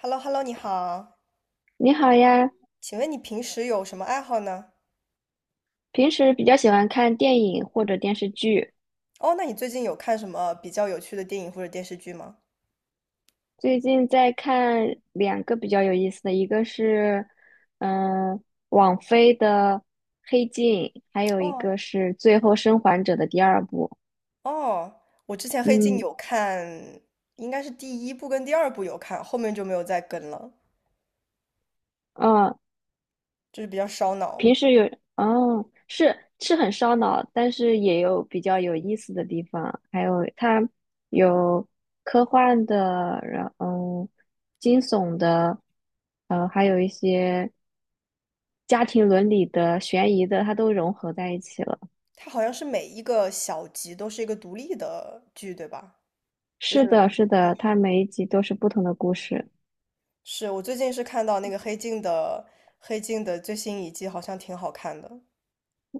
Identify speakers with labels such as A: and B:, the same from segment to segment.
A: h e l l o h e l l o 你好，
B: 你好呀。
A: 请问你平时有什么爱好呢？
B: 平时比较喜欢看电影或者电视剧。
A: 哦，那你最近有看什么比较有趣的电影或者电视剧吗？
B: 最近在看两个比较有意思的，一个是嗯、呃网飞的《黑镜》，还有一
A: 哦
B: 个是《最后生还者》的第二部。
A: 哦，我之前《黑镜》
B: 嗯，
A: 有看，应该是第一部跟第二部有看，后面就没有再跟了，
B: 啊，
A: 就是比较烧脑。
B: 平时有。哦，是很烧脑，但是也有比较有意思的地方，还有它有科幻的，然后惊悚的，还有一些。家庭伦理的、悬疑的，它都融合在一起了。
A: 它好像是每一个小集都是一个独立的剧，对吧？就
B: 是
A: 是
B: 的，是的，它每一集都是不同的故事。
A: 是我最近是看到那个《黑镜》的最新一季，好像挺好看的。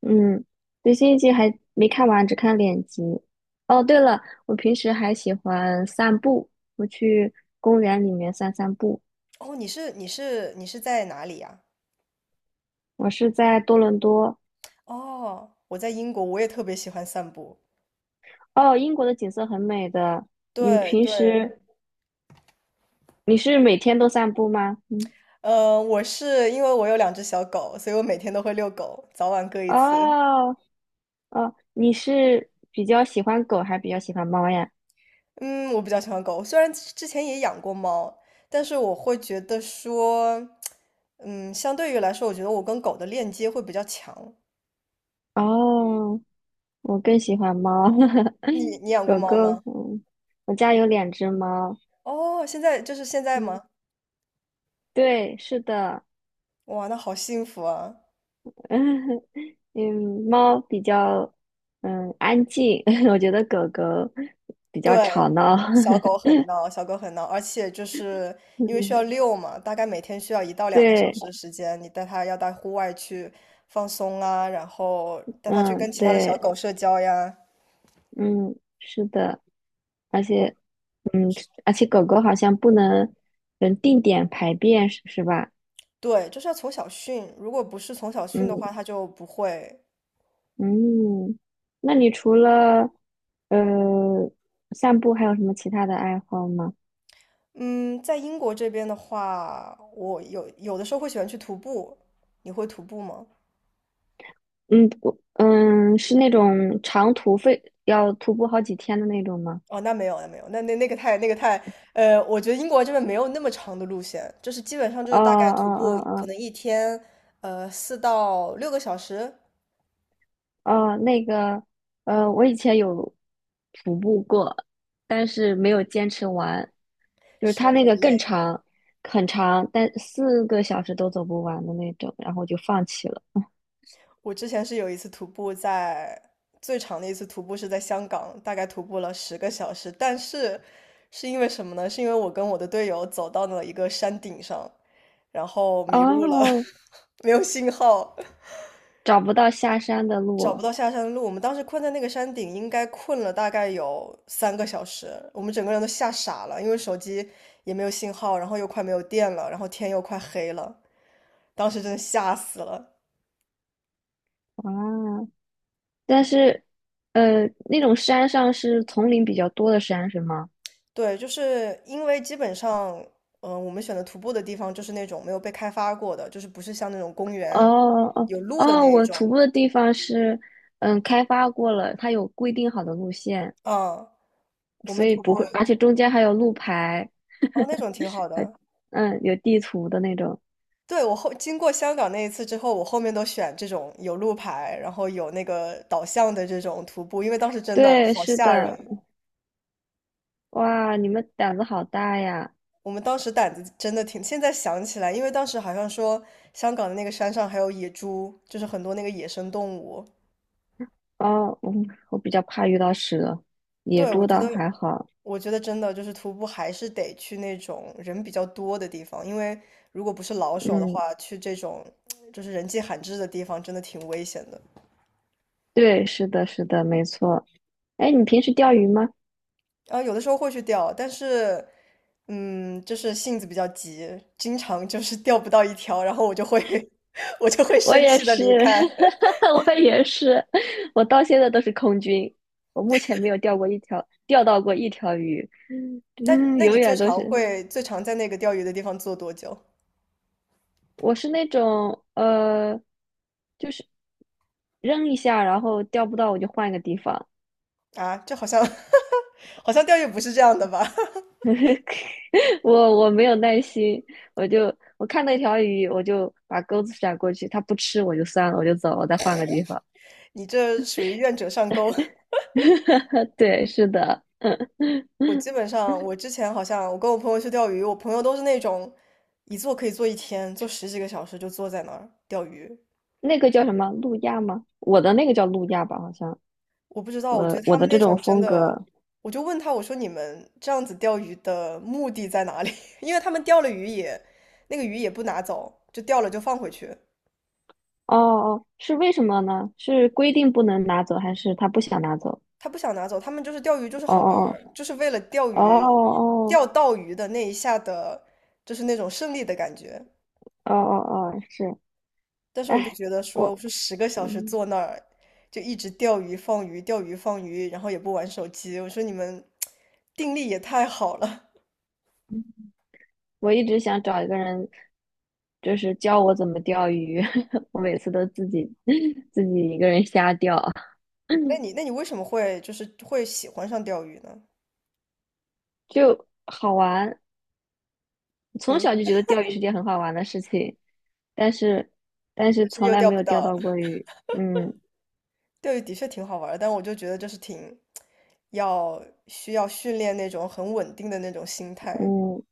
B: 嗯，最新一集还没看完，只看两集。哦，对了，我平时还喜欢散步，我去公园里面散散步。
A: 哦，你是在哪里呀？
B: 我是在多伦多。
A: 哦，我在英国，我也特别喜欢散步。
B: 哦，英国的景色很美的。你们
A: 对
B: 平
A: 对，
B: 时你是每天都散步吗？嗯。
A: 我是因为我有两只小狗，所以我每天都会遛狗，早晚各一次。
B: 哦哦，你是比较喜欢狗还是比较喜欢猫呀？
A: 嗯，我比较喜欢狗，虽然之前也养过猫，但是我会觉得说，相对于来说，我觉得我跟狗的链接会比较强。
B: 哦。我更喜欢猫，
A: 你养过
B: 狗
A: 猫
B: 狗。
A: 吗？
B: 嗯，我家有两只猫。
A: 哦，现在就是现在
B: 嗯，
A: 吗？
B: 对，是的。
A: 哇，那好幸福啊！
B: 嗯，猫比较嗯安静，我觉得狗狗比较吵
A: 对，
B: 闹。
A: 小狗很闹，小狗很闹，而且就是 因为需要
B: 嗯，
A: 遛嘛，大概每天需要一到两个小
B: 对，
A: 时的时间，你带它要到户外去放松啊，然后带它去
B: 嗯，
A: 跟其他的小
B: 对，
A: 狗社交呀。
B: 嗯，是的。而且狗狗好像不能嗯定点排便，是吧？
A: 对，就是要从小训，如果不是从小训的
B: 嗯。
A: 话，它就不会。
B: 嗯，那你除了呃散步，还有什么其他的爱好吗？
A: 嗯，在英国这边的话，我有的时候会喜欢去徒步，你会徒步吗？
B: 嗯，我是那种长途费要徒步好几天的那种吗？
A: 哦，那没有，那没有，那那那个太那个太，我觉得英国这边没有那么长的路线，就是基本上就是
B: 哦
A: 大概徒
B: 哦。
A: 步可
B: 哦
A: 能一天，4到6个小时
B: 哦哦，那个我以前有徒步过，但是没有坚持完，就是它
A: 是
B: 那
A: 很
B: 个更
A: 累。
B: 长，很长，但四个小时都走不完的那种，然后就放弃了。
A: 我之前是有一次徒步在最长的一次徒步是在香港，大概徒步了十个小时，但是是因为什么呢？是因为我跟我的队友走到了一个山顶上，然后迷路了，
B: 哦，
A: 没有信号，
B: 找不到下山的
A: 找不
B: 路。
A: 到下山的路，我们当时困在那个山顶，应该困了大概有3个小时，我们整个人都吓傻了，因为手机也没有信号，然后又快没有电了，然后天又快黑了，当时真的吓死了。
B: 啊。但是，那种山上是丛林比较多的山是吗？
A: 对，就是因为基本上，我们选的徒步的地方就是那种没有被开发过的，就是不是像那种公园
B: 哦。哦
A: 有路的
B: 哦，
A: 那一
B: 我徒
A: 种，
B: 步的地方是，嗯，开发过了，它有规定好的路线，
A: 嗯，我
B: 所
A: 们
B: 以
A: 徒
B: 不
A: 步，
B: 会，而且中间还有路牌，
A: 哦，那种挺好
B: 还
A: 的，
B: 嗯有地图的那种。
A: 对，我后经过香港那一次之后，我后面都选这种有路牌，然后有那个导向的这种徒步，因为当时真的
B: 对，
A: 好
B: 是
A: 吓人。
B: 的。哇，你们胆子好大呀！
A: 我们当时胆子真的挺，现在想起来，因为当时好像说香港的那个山上还有野猪，就是很多那个野生动物。
B: 哦，我比较怕遇到蛇，野
A: 对，我
B: 猪
A: 觉
B: 倒
A: 得，
B: 还好。
A: 我觉得真的就是徒步还是得去那种人比较多的地方，因为如果不是老手的
B: 嗯，
A: 话，去这种就是人迹罕至的地方，真的挺危险的。
B: 对，是的，是的，没错。哎，你平时钓鱼吗？
A: 啊，有的时候会去钓，但是，就是性子比较急，经常就是 钓不到一条，然后我就会 我就会
B: 我
A: 生
B: 也
A: 气的
B: 是，
A: 离开。
B: 我也是。我到现在都是空军，我目前没有钓过一条，钓到过一条鱼，
A: 但
B: 嗯，
A: 那你
B: 永
A: 最
B: 远都
A: 常
B: 是。
A: 会最常在那个钓鱼的地方坐多久
B: 我是那种就是扔一下，然后钓不到我就换一个地方。
A: 啊？这好像 好像钓鱼不是这样的吧？
B: 我我没有耐心，我看那条鱼，我就把钩子甩过去，它不吃我就算了，我就走了，我再换个地方。
A: 你这属于愿者上钩。
B: 对，是的。
A: 我 基本上，我之前好像我跟我朋友去钓鱼，我朋友都是那种一坐可以坐一天，坐十几个小时就坐在那儿钓鱼。
B: 那个叫什么路亚吗？我的那个叫路亚吧，好像。
A: 我不知道，我觉
B: 我
A: 得
B: 我
A: 他们
B: 的这
A: 那
B: 种
A: 种真
B: 风
A: 的，
B: 格。
A: 我就问他，我说你们这样子钓鱼的目的在哪里？因为他们钓了鱼也，那个鱼也不拿走，就钓了就放回去，
B: 哦哦，是为什么呢？是规定不能拿走，还是他不想拿走？
A: 他不想拿走，他们就是钓鱼就是
B: 哦
A: 好玩儿就是为了钓
B: 哦哦
A: 鱼，
B: 哦
A: 钓到鱼的那一下的，就是那种胜利的感觉。
B: 哦哦哦哦，是。
A: 但是我就
B: 哎，
A: 觉得说，我
B: 我
A: 说十个小时
B: 嗯，
A: 坐那儿就一直钓鱼放鱼，钓鱼放鱼，然后也不玩手机，我说你们定力也太好了。
B: 我一直想找一个人，就是教我怎么钓鱼，我每次都自己 自己一个人瞎钓。
A: 那 你那你为什么会就是会喜欢上钓鱼呢？
B: 就好玩。从
A: 嗯，
B: 小就觉得钓鱼是件很好玩的事情，但是
A: 但是
B: 从
A: 又
B: 来
A: 钓
B: 没
A: 不
B: 有钓
A: 到
B: 到过 鱼。嗯。
A: 钓鱼的确挺好玩儿的但我就觉得就是挺需要训练那种很稳定的那种心态。
B: 嗯，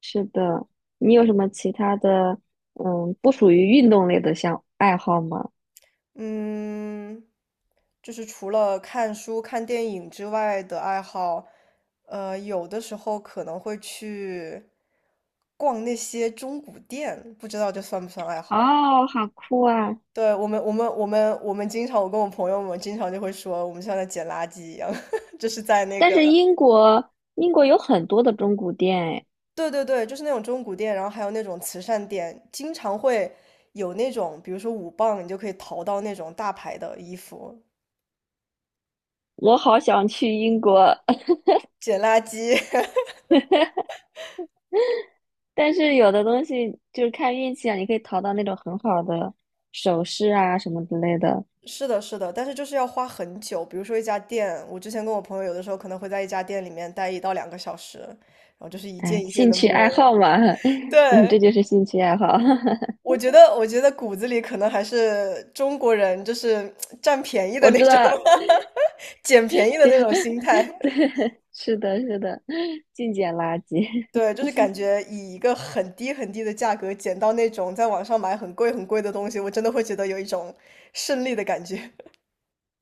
B: 是的。你有什么其他的，嗯，不属于运动类的项爱好吗？
A: 嗯，就是除了看书、看电影之外的爱好，有的时候可能会去逛那些中古店，不知道这算不算爱好？
B: 哦，好酷啊！
A: 对，我跟我朋友们经常就会说，我们像在捡垃圾一样，就是在那
B: 但
A: 个
B: 是英国，英国有很多的中古店。哎，
A: 对对对，就是那种中古店，然后还有那种慈善店，经常会有那种，比如说5磅，你就可以淘到那种大牌的衣服。
B: 我好想去英国。
A: 捡垃圾，
B: 但是有的东西就是看运气啊，你可以淘到那种很好的首饰啊什么之类的。
A: 是的，是的，但是就是要花很久。比如说一家店，我之前跟我朋友有的时候可能会在一家店里面待一到两个小时，然后就是一
B: 哎，
A: 件一件
B: 兴
A: 的
B: 趣
A: 摸。
B: 爱好嘛，嗯，
A: 对，
B: 这就是兴趣爱好。
A: 我觉得,骨子里可能还是中国人，就是占便宜的
B: 我
A: 那
B: 知
A: 种
B: 道，
A: 捡便宜 的
B: 这
A: 那
B: 样，
A: 种心态。
B: 对，是的，是的，净捡垃圾。
A: 对，就是感觉以一个很低很低的价格捡到那种在网上买很贵很贵的东西，我真的会觉得有一种胜利的感觉。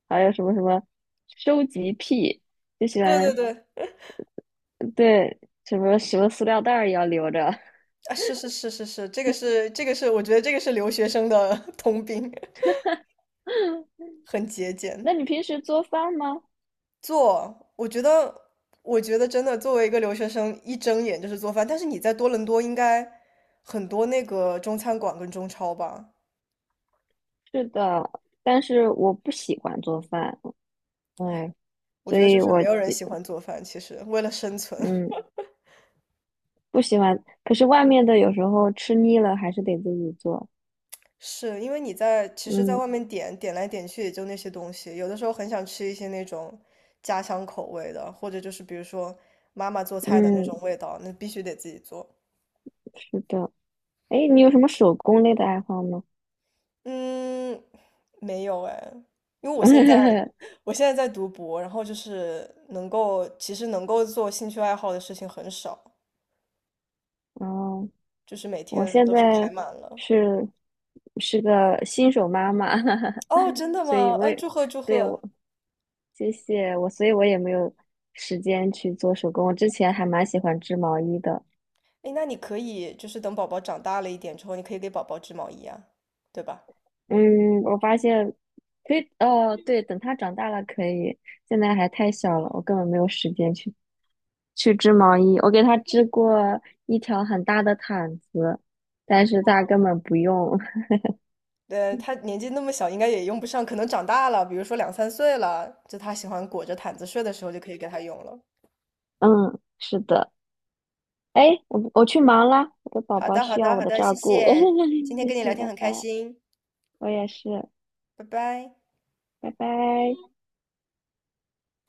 B: 还有什么什么收集癖，就喜
A: 对对
B: 欢
A: 对，
B: 对什么什么塑料袋儿也要留着。
A: 啊，是是是是是，这个是，我觉得这个是留学生的 通病，很节俭。
B: 那你平时做饭吗？
A: 做，我觉得,真的，作为一个留学生，一睁眼就是做饭。但是你在多伦多应该很多那个中餐馆跟中超吧？
B: 是的，但是我不喜欢做饭。哎，
A: 我
B: 所
A: 觉得就
B: 以
A: 是
B: 我
A: 没有人
B: 就
A: 喜欢做饭，其实为了生存，
B: 嗯不喜欢。可是外面的有时候吃腻了，还是得自己做。
A: 是因为你在其实，在
B: 嗯。
A: 外面点点来点去也就那些东西，有的时候很想吃一些那种家乡口味的，或者就是比如说妈妈做菜的那
B: 嗯，
A: 种味道，那必须得自己做。
B: 是的。哎，你有什么手工类的爱好吗？
A: 嗯，没有哎，因为我现在 我现在在读博，然后就是能够做兴趣爱好的事情很少，
B: 哦，
A: 就是每
B: 我
A: 天
B: 现
A: 都是排
B: 在
A: 满了。
B: 是是个新手妈妈，
A: 哦，真的
B: 所以
A: 吗？
B: 我
A: 嗯，
B: 也
A: 祝贺祝
B: 对我
A: 贺。
B: 谢谢我，所以我也没有时间去做手工。我之前还蛮喜欢织毛衣的。
A: 哎，那你可以就是等宝宝长大了一点之后，你可以给宝宝织毛衣啊，对吧？
B: 嗯，我发现可以，哦，对，等他长大了可以，现在还太小了，我根本没有时间去去织毛衣。我给他织过一条很大的毯子，但是他根本不用。
A: 对他年纪那么小，应该也用不上，可能长大了，比如说两三岁了，就他喜欢裹着毯子睡的时候，就可以给他用了。
B: 嗯，是的。哎，我去忙啦，我的宝
A: 好
B: 宝
A: 的，好
B: 需要
A: 的，
B: 我
A: 好
B: 的
A: 的，谢
B: 照顾，
A: 谢，今 天
B: 谢
A: 跟你聊
B: 谢，
A: 天
B: 拜
A: 很开
B: 拜。
A: 心，
B: 我也是，
A: 拜拜。
B: 拜拜。